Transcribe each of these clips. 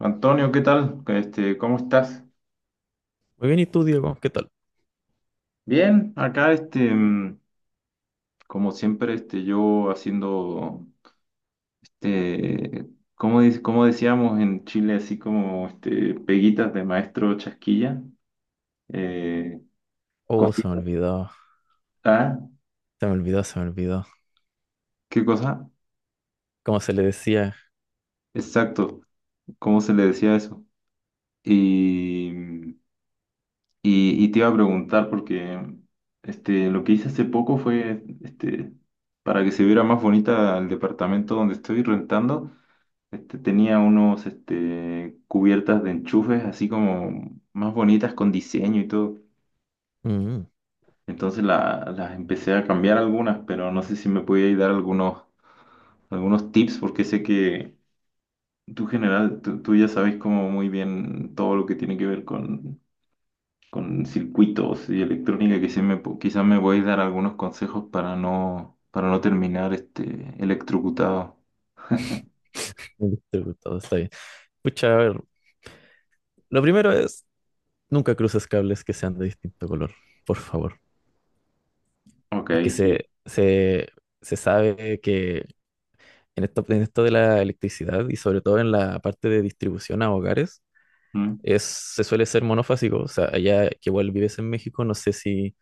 Antonio, ¿qué tal? Este, ¿cómo estás? Muy bien, ¿y tú, Diego? ¿Qué tal? Bien, acá este, como siempre, este, yo haciendo, este, como, como decíamos en Chile, así como este, peguitas de maestro chasquilla, eh, Oh, se me cositas. olvidó, Ah, se me olvidó. ¿qué cosa? Como se le decía, Exacto, ¿cómo se le decía eso? Y, y te iba a preguntar porque este, lo que hice hace poco fue, este, para que se viera más bonita el departamento donde estoy rentando. Este, tenía unos este, cubiertas de enchufes así como más bonitas con diseño y todo. mm, Entonces las empecé a cambiar algunas, pero no sé si me podías dar algunos tips porque sé que tú general, tú ya sabes como muy bien todo lo que tiene que ver con circuitos y electrónica, que sí quizás me podéis dar algunos consejos para no terminar este, electrocutado. un distribuidor, está bien. Pucha, a ver, lo primero es, nunca cruces cables que sean de distinto color, por favor. Ok, Porque sí. Se sabe que en esto de la electricidad y sobre todo en la parte de distribución a hogares, Mm. Se suele ser monofásico. O sea, allá que igual vives en México, no sé si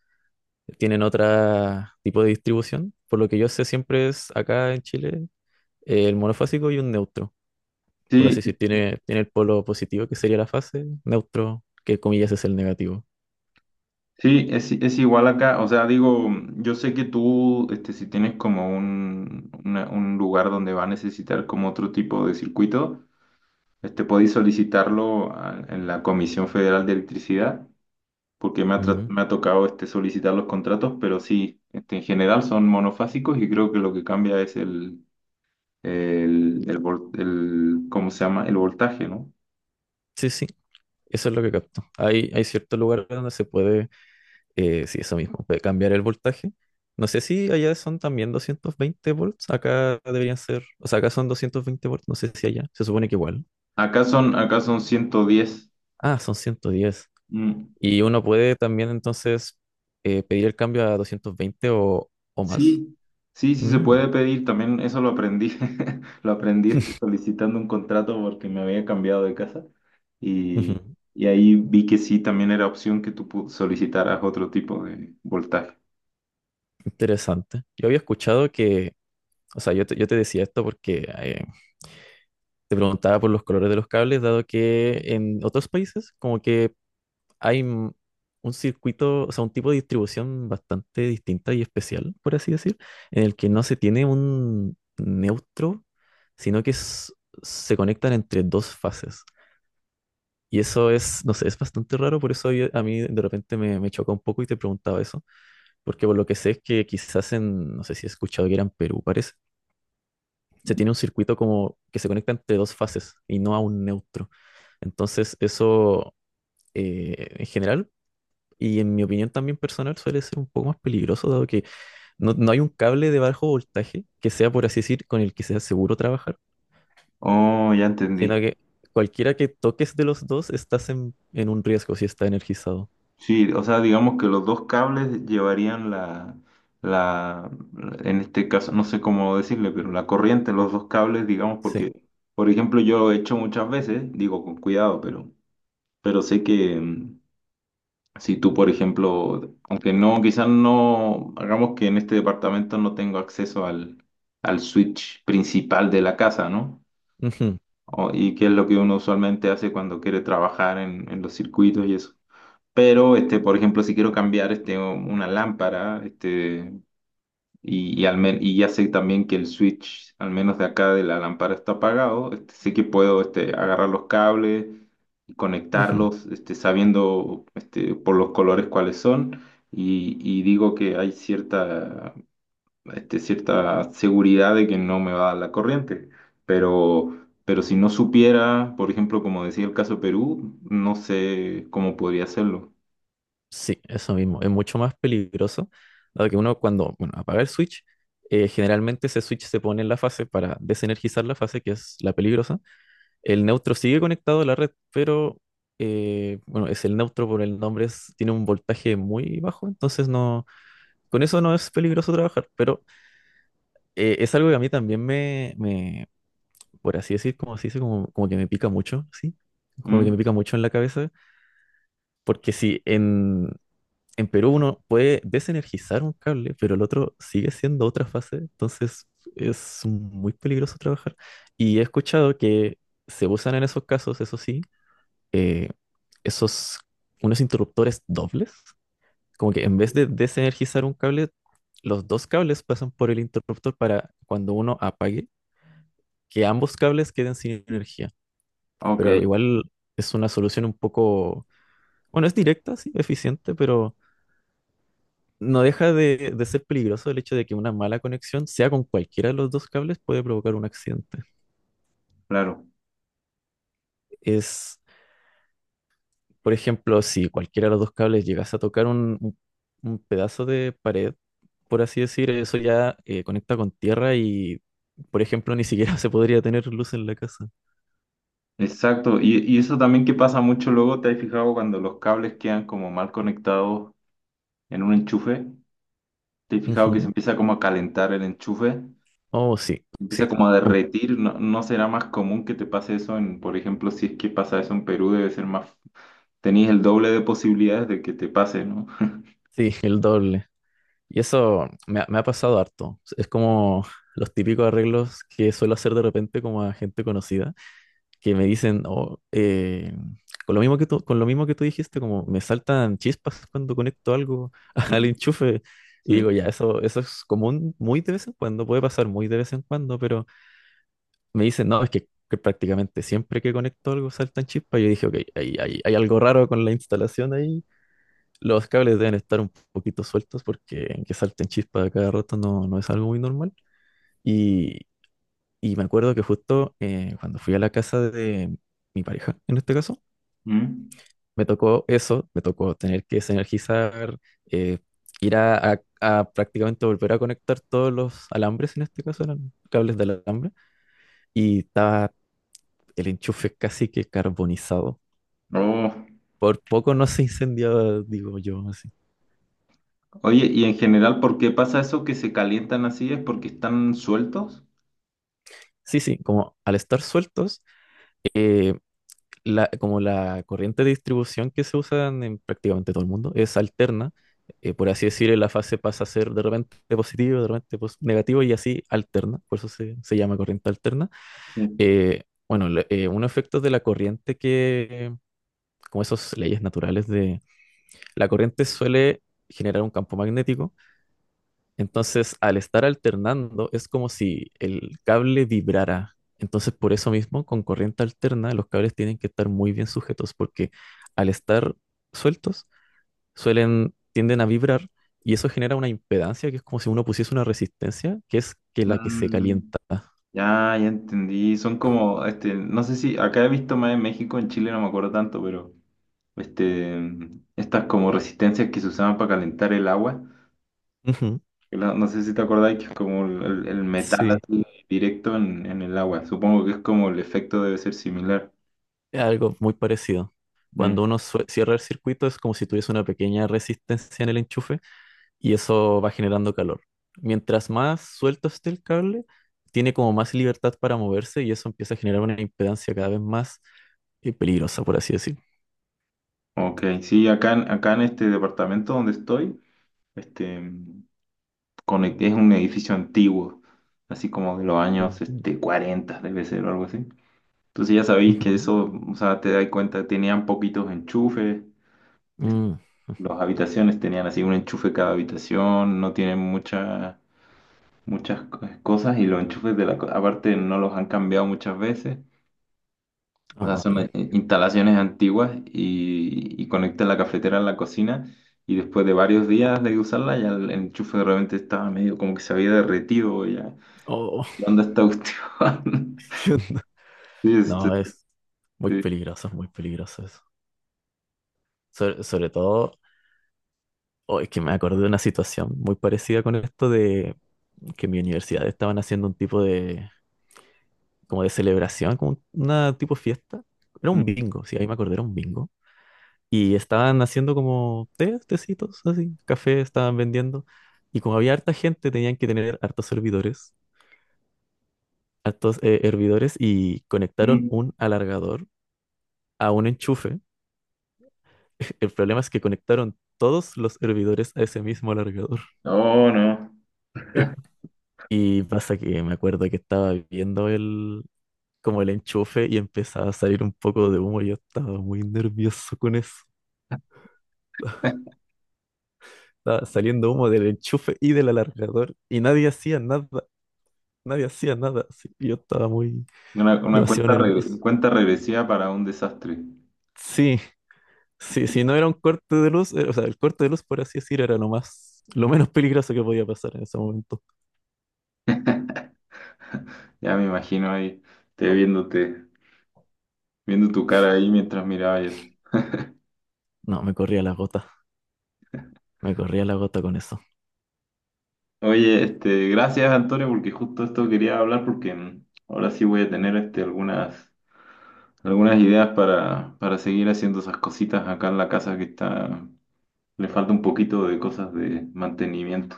tienen otro tipo de distribución. Por lo que yo sé, siempre es acá en Chile el monofásico y un neutro. Por así Sí, decir, tiene el polo positivo, que sería la fase, neutro, que comillas es el negativo. sí, es igual acá, o sea, digo, yo sé que tú, este, si tienes como un, un lugar donde va a necesitar como otro tipo de circuito, este, podéis solicitarlo en la Comisión Federal de Electricidad, porque Mm. me ha tocado, este, solicitar los contratos, pero sí, este, en general son monofásicos y creo que lo que cambia es ¿cómo se llama? El voltaje, ¿no? Sí, sí, eso es lo que capto. Hay ciertos lugares donde se puede, sí, eso mismo, puede cambiar el voltaje. No sé si allá son también 220 volts, acá deberían ser, o sea, acá son 220 volts, no sé si allá, se supone que igual. Acá son 110. Ah, son 110. Mm. Y uno puede también entonces pedir el cambio a 220 o más. Sí, sí, sí se Mm. puede pedir, también eso lo aprendí, lo aprendí este, solicitando un contrato porque me había cambiado de casa y, Ujú. y ahí vi que sí, también era opción que tú solicitaras otro tipo de voltaje. Interesante. Yo había escuchado que, o sea, yo te decía esto porque te preguntaba por los colores de los cables, dado que en otros países como que hay un circuito, o sea, un tipo de distribución bastante distinta y especial, por así decir, en el que no se tiene un neutro, sino que s- se conectan entre dos fases. Y eso es, no sé, es bastante raro, por eso a mí de repente me chocó un poco y te preguntaba eso, porque por lo que sé es que quizás en, no sé si he escuchado que era en Perú, parece se tiene un circuito como que se conecta entre dos fases y no a un neutro. Entonces, eso en general, y en mi opinión también personal, suele ser un poco más peligroso, dado que no, no hay un cable de bajo voltaje que sea, por así decir, con el que sea seguro trabajar, Oh, ya entendí. sino que cualquiera que toques de los dos estás en un riesgo si está energizado. Sí, o sea, digamos que los dos cables llevarían la, en este caso, no sé cómo decirle, pero la corriente, los dos cables, digamos, Sí. porque, por ejemplo, yo lo he hecho muchas veces, digo con cuidado, pero, sé que... Si tú, por ejemplo, aunque no, quizás no, hagamos que en este departamento no tengo acceso al switch principal de la casa, ¿no? Ujú, ¿Y qué es lo que uno usualmente hace cuando quiere trabajar en los circuitos y eso? Pero, este, por ejemplo, si quiero cambiar este, una lámpara, este, y ya sé también que el switch, al menos de acá de la lámpara, está apagado. Este, sé que puedo este, agarrar los cables y ujú. conectarlos, este, sabiendo este, por los colores cuáles son. Y digo que hay cierta seguridad de que no me va a dar la corriente. Pero si no supiera, por ejemplo, como decía el caso Perú, no sé cómo podría hacerlo. Sí, eso mismo. Es mucho más peligroso, dado que uno cuando, bueno, apaga el switch, generalmente ese switch se pone en la fase para desenergizar la fase, que es la peligrosa. El neutro sigue conectado a la red, pero, bueno, es el neutro por el nombre, tiene un voltaje muy bajo, entonces no, con eso no es peligroso trabajar, pero es algo que a mí también por así decir, como se dice, como que me pica mucho, ¿sí? Como que ¿Mm? me pica mucho en la cabeza, porque si en, en Perú uno puede desenergizar un cable, pero el otro sigue siendo otra fase, entonces es muy peligroso trabajar. Y he escuchado que se usan en esos casos, eso sí, eh, esos, unos interruptores dobles, como que en vez de desenergizar un cable, los dos cables pasan por el interruptor para cuando uno apague, que ambos cables queden sin energía. Ok, Pero igual es una solución un poco, bueno, es directa, sí, eficiente, pero no deja de ser peligroso el hecho de que una mala conexión, sea con cualquiera de los dos cables, puede provocar un accidente. claro. Es, por ejemplo, si cualquiera de los dos cables llegas a tocar un pedazo de pared, por así decir, eso ya conecta con tierra y, por ejemplo, ni siquiera se podría tener luz en la casa. Exacto, y eso también que pasa mucho luego. ¿Te has fijado cuando los cables quedan como mal conectados en un enchufe? ¿Te has fijado que se Ujú. empieza como a calentar el enchufe? Oh, sí, Empieza sí, como a un- derretir, ¿no? ¿No será más común que te pase eso en, por ejemplo, si es que pasa eso en Perú, debe ser más, tenéis el doble de posibilidades de que te pase, ¿no? sí, el doble. Y eso me ha pasado harto. Es como los típicos arreglos que suelo hacer de repente como a gente conocida que me dicen, oh, con lo mismo que tú, con lo mismo que tú dijiste, como me saltan chispas cuando conecto algo al Mm, enchufe. Y digo, sí. ya, eso es común muy de vez en cuando, puede pasar muy de vez en cuando, pero me dicen, no, es que prácticamente siempre que conecto algo saltan chispas. Yo dije, ok, hay algo raro con la instalación ahí. Los cables deben estar un poquito sueltos porque que salten chispas a cada rato no, no es algo muy normal. Y, y me acuerdo que justo cuando fui a la casa de mi pareja, en este caso, Mm. me tocó eso, me tocó tener que desenergizar, eh, ir a prácticamente volver a conectar todos los alambres, en este caso eran cables de alambre, y estaba el enchufe casi que carbonizado. Oh. Por poco no se incendiaba, digo yo, así. Oye, y en general, ¿por qué pasa eso que se calientan así? ¿Es porque están sueltos? Sí, sí, como al estar sueltos, eh, como la corriente de distribución que se usa en prácticamente todo el mundo es alterna. Eh, por así decir, la fase pasa a ser de repente positivo, de repente negativo y así alterna. Por eso se llama corriente alterna. Sí. Eh, un efecto de la corriente que, como esas leyes naturales de la corriente suele generar un campo magnético entonces, al estar alternando, es como si el cable vibrara. Entonces, por eso mismo, con corriente alterna, los cables tienen que estar muy bien sujetos, porque al estar sueltos, tienden a vibrar y eso genera una impedancia que es como si uno pusiese una resistencia, que es que la que se Mm. calienta. Ya, ya entendí. Son como, este, no sé si acá he visto más en México, en Chile no me acuerdo tanto, pero este, estas como resistencias que se usaban para calentar el agua. Ujú, No sé si te acordáis que es como el metal sí, así directo en el agua. Supongo que es como el efecto debe ser similar. es algo muy parecido. Mm, Cuando uno cierra el circuito, es como si tuviese una pequeña resistencia en el enchufe y eso va generando calor. Mientras más suelto esté el cable, tiene como más libertad para moverse y eso empieza a generar una impedancia cada vez más peligrosa, por así decir. ok, sí, acá, acá en este departamento donde estoy, este, es un edificio antiguo, así como de los años Ujú, este, 40, debe ser o algo así. Entonces ya sabéis que ujú, eso, o sea, te das cuenta, tenían poquitos enchufes, este, mm, ujú. las habitaciones tenían así un enchufe cada habitación, no tienen muchas cosas y los enchufes de aparte no los han cambiado muchas veces. O sea, Ah, ok. son instalaciones antiguas y conectan la cafetera a la cocina y después de varios días de usarla ya el enchufe realmente estaba medio como que se había derretido ya. Oh, ¿Qué onda esta cuestión? ¿qué onda? Sí, este, No, sí. Es muy peligroso eso. Sobre todo, oh, es que me acordé de una situación muy parecida con esto de que en mi universidad estaban haciendo un tipo de, como de celebración, como una tipo fiesta. Era un Mm. bingo, sí, ahí me acordé, era un bingo. Y estaban haciendo como tecitos, así, café estaban vendiendo. Y como había harta gente, tenían que tener hartos servidores, hartos hervidores, y conectaron Mm. un alargador a un enchufe. El problema es que conectaron todos los hervidores a ese mismo alargador. No, no. Eh, Y pasa que me acuerdo que estaba viendo como el enchufe y empezaba a salir un poco de humo. Yo estaba muy nervioso con eso. Estaba saliendo humo del enchufe y del alargador y nadie hacía nada. Nadie hacía nada, así que yo estaba muy, Una demasiado nervioso. cuenta regresiva para un desastre. Sí, sí, si no era un corte de luz, o sea, el corte de luz, por así decir, era lo menos peligroso que podía pasar en ese momento. Ya me imagino ahí, te viéndote, viendo tu cara ahí mientras miraba eso. No, me corría la gota, me corría la gota con eso. Oye, este, gracias Antonio, porque justo esto quería hablar, porque ahora sí voy a tener este, algunas ideas para seguir haciendo esas cositas acá en la casa que está, le falta un poquito de cosas de mantenimiento.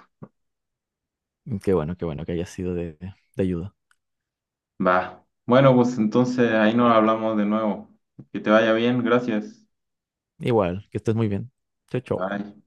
Qué bueno que haya sido de ayuda. Va. Bueno, pues entonces ahí nos hablamos de nuevo. Que te vaya bien, gracias. Igual, que estés muy bien. Chao, chao. Bye.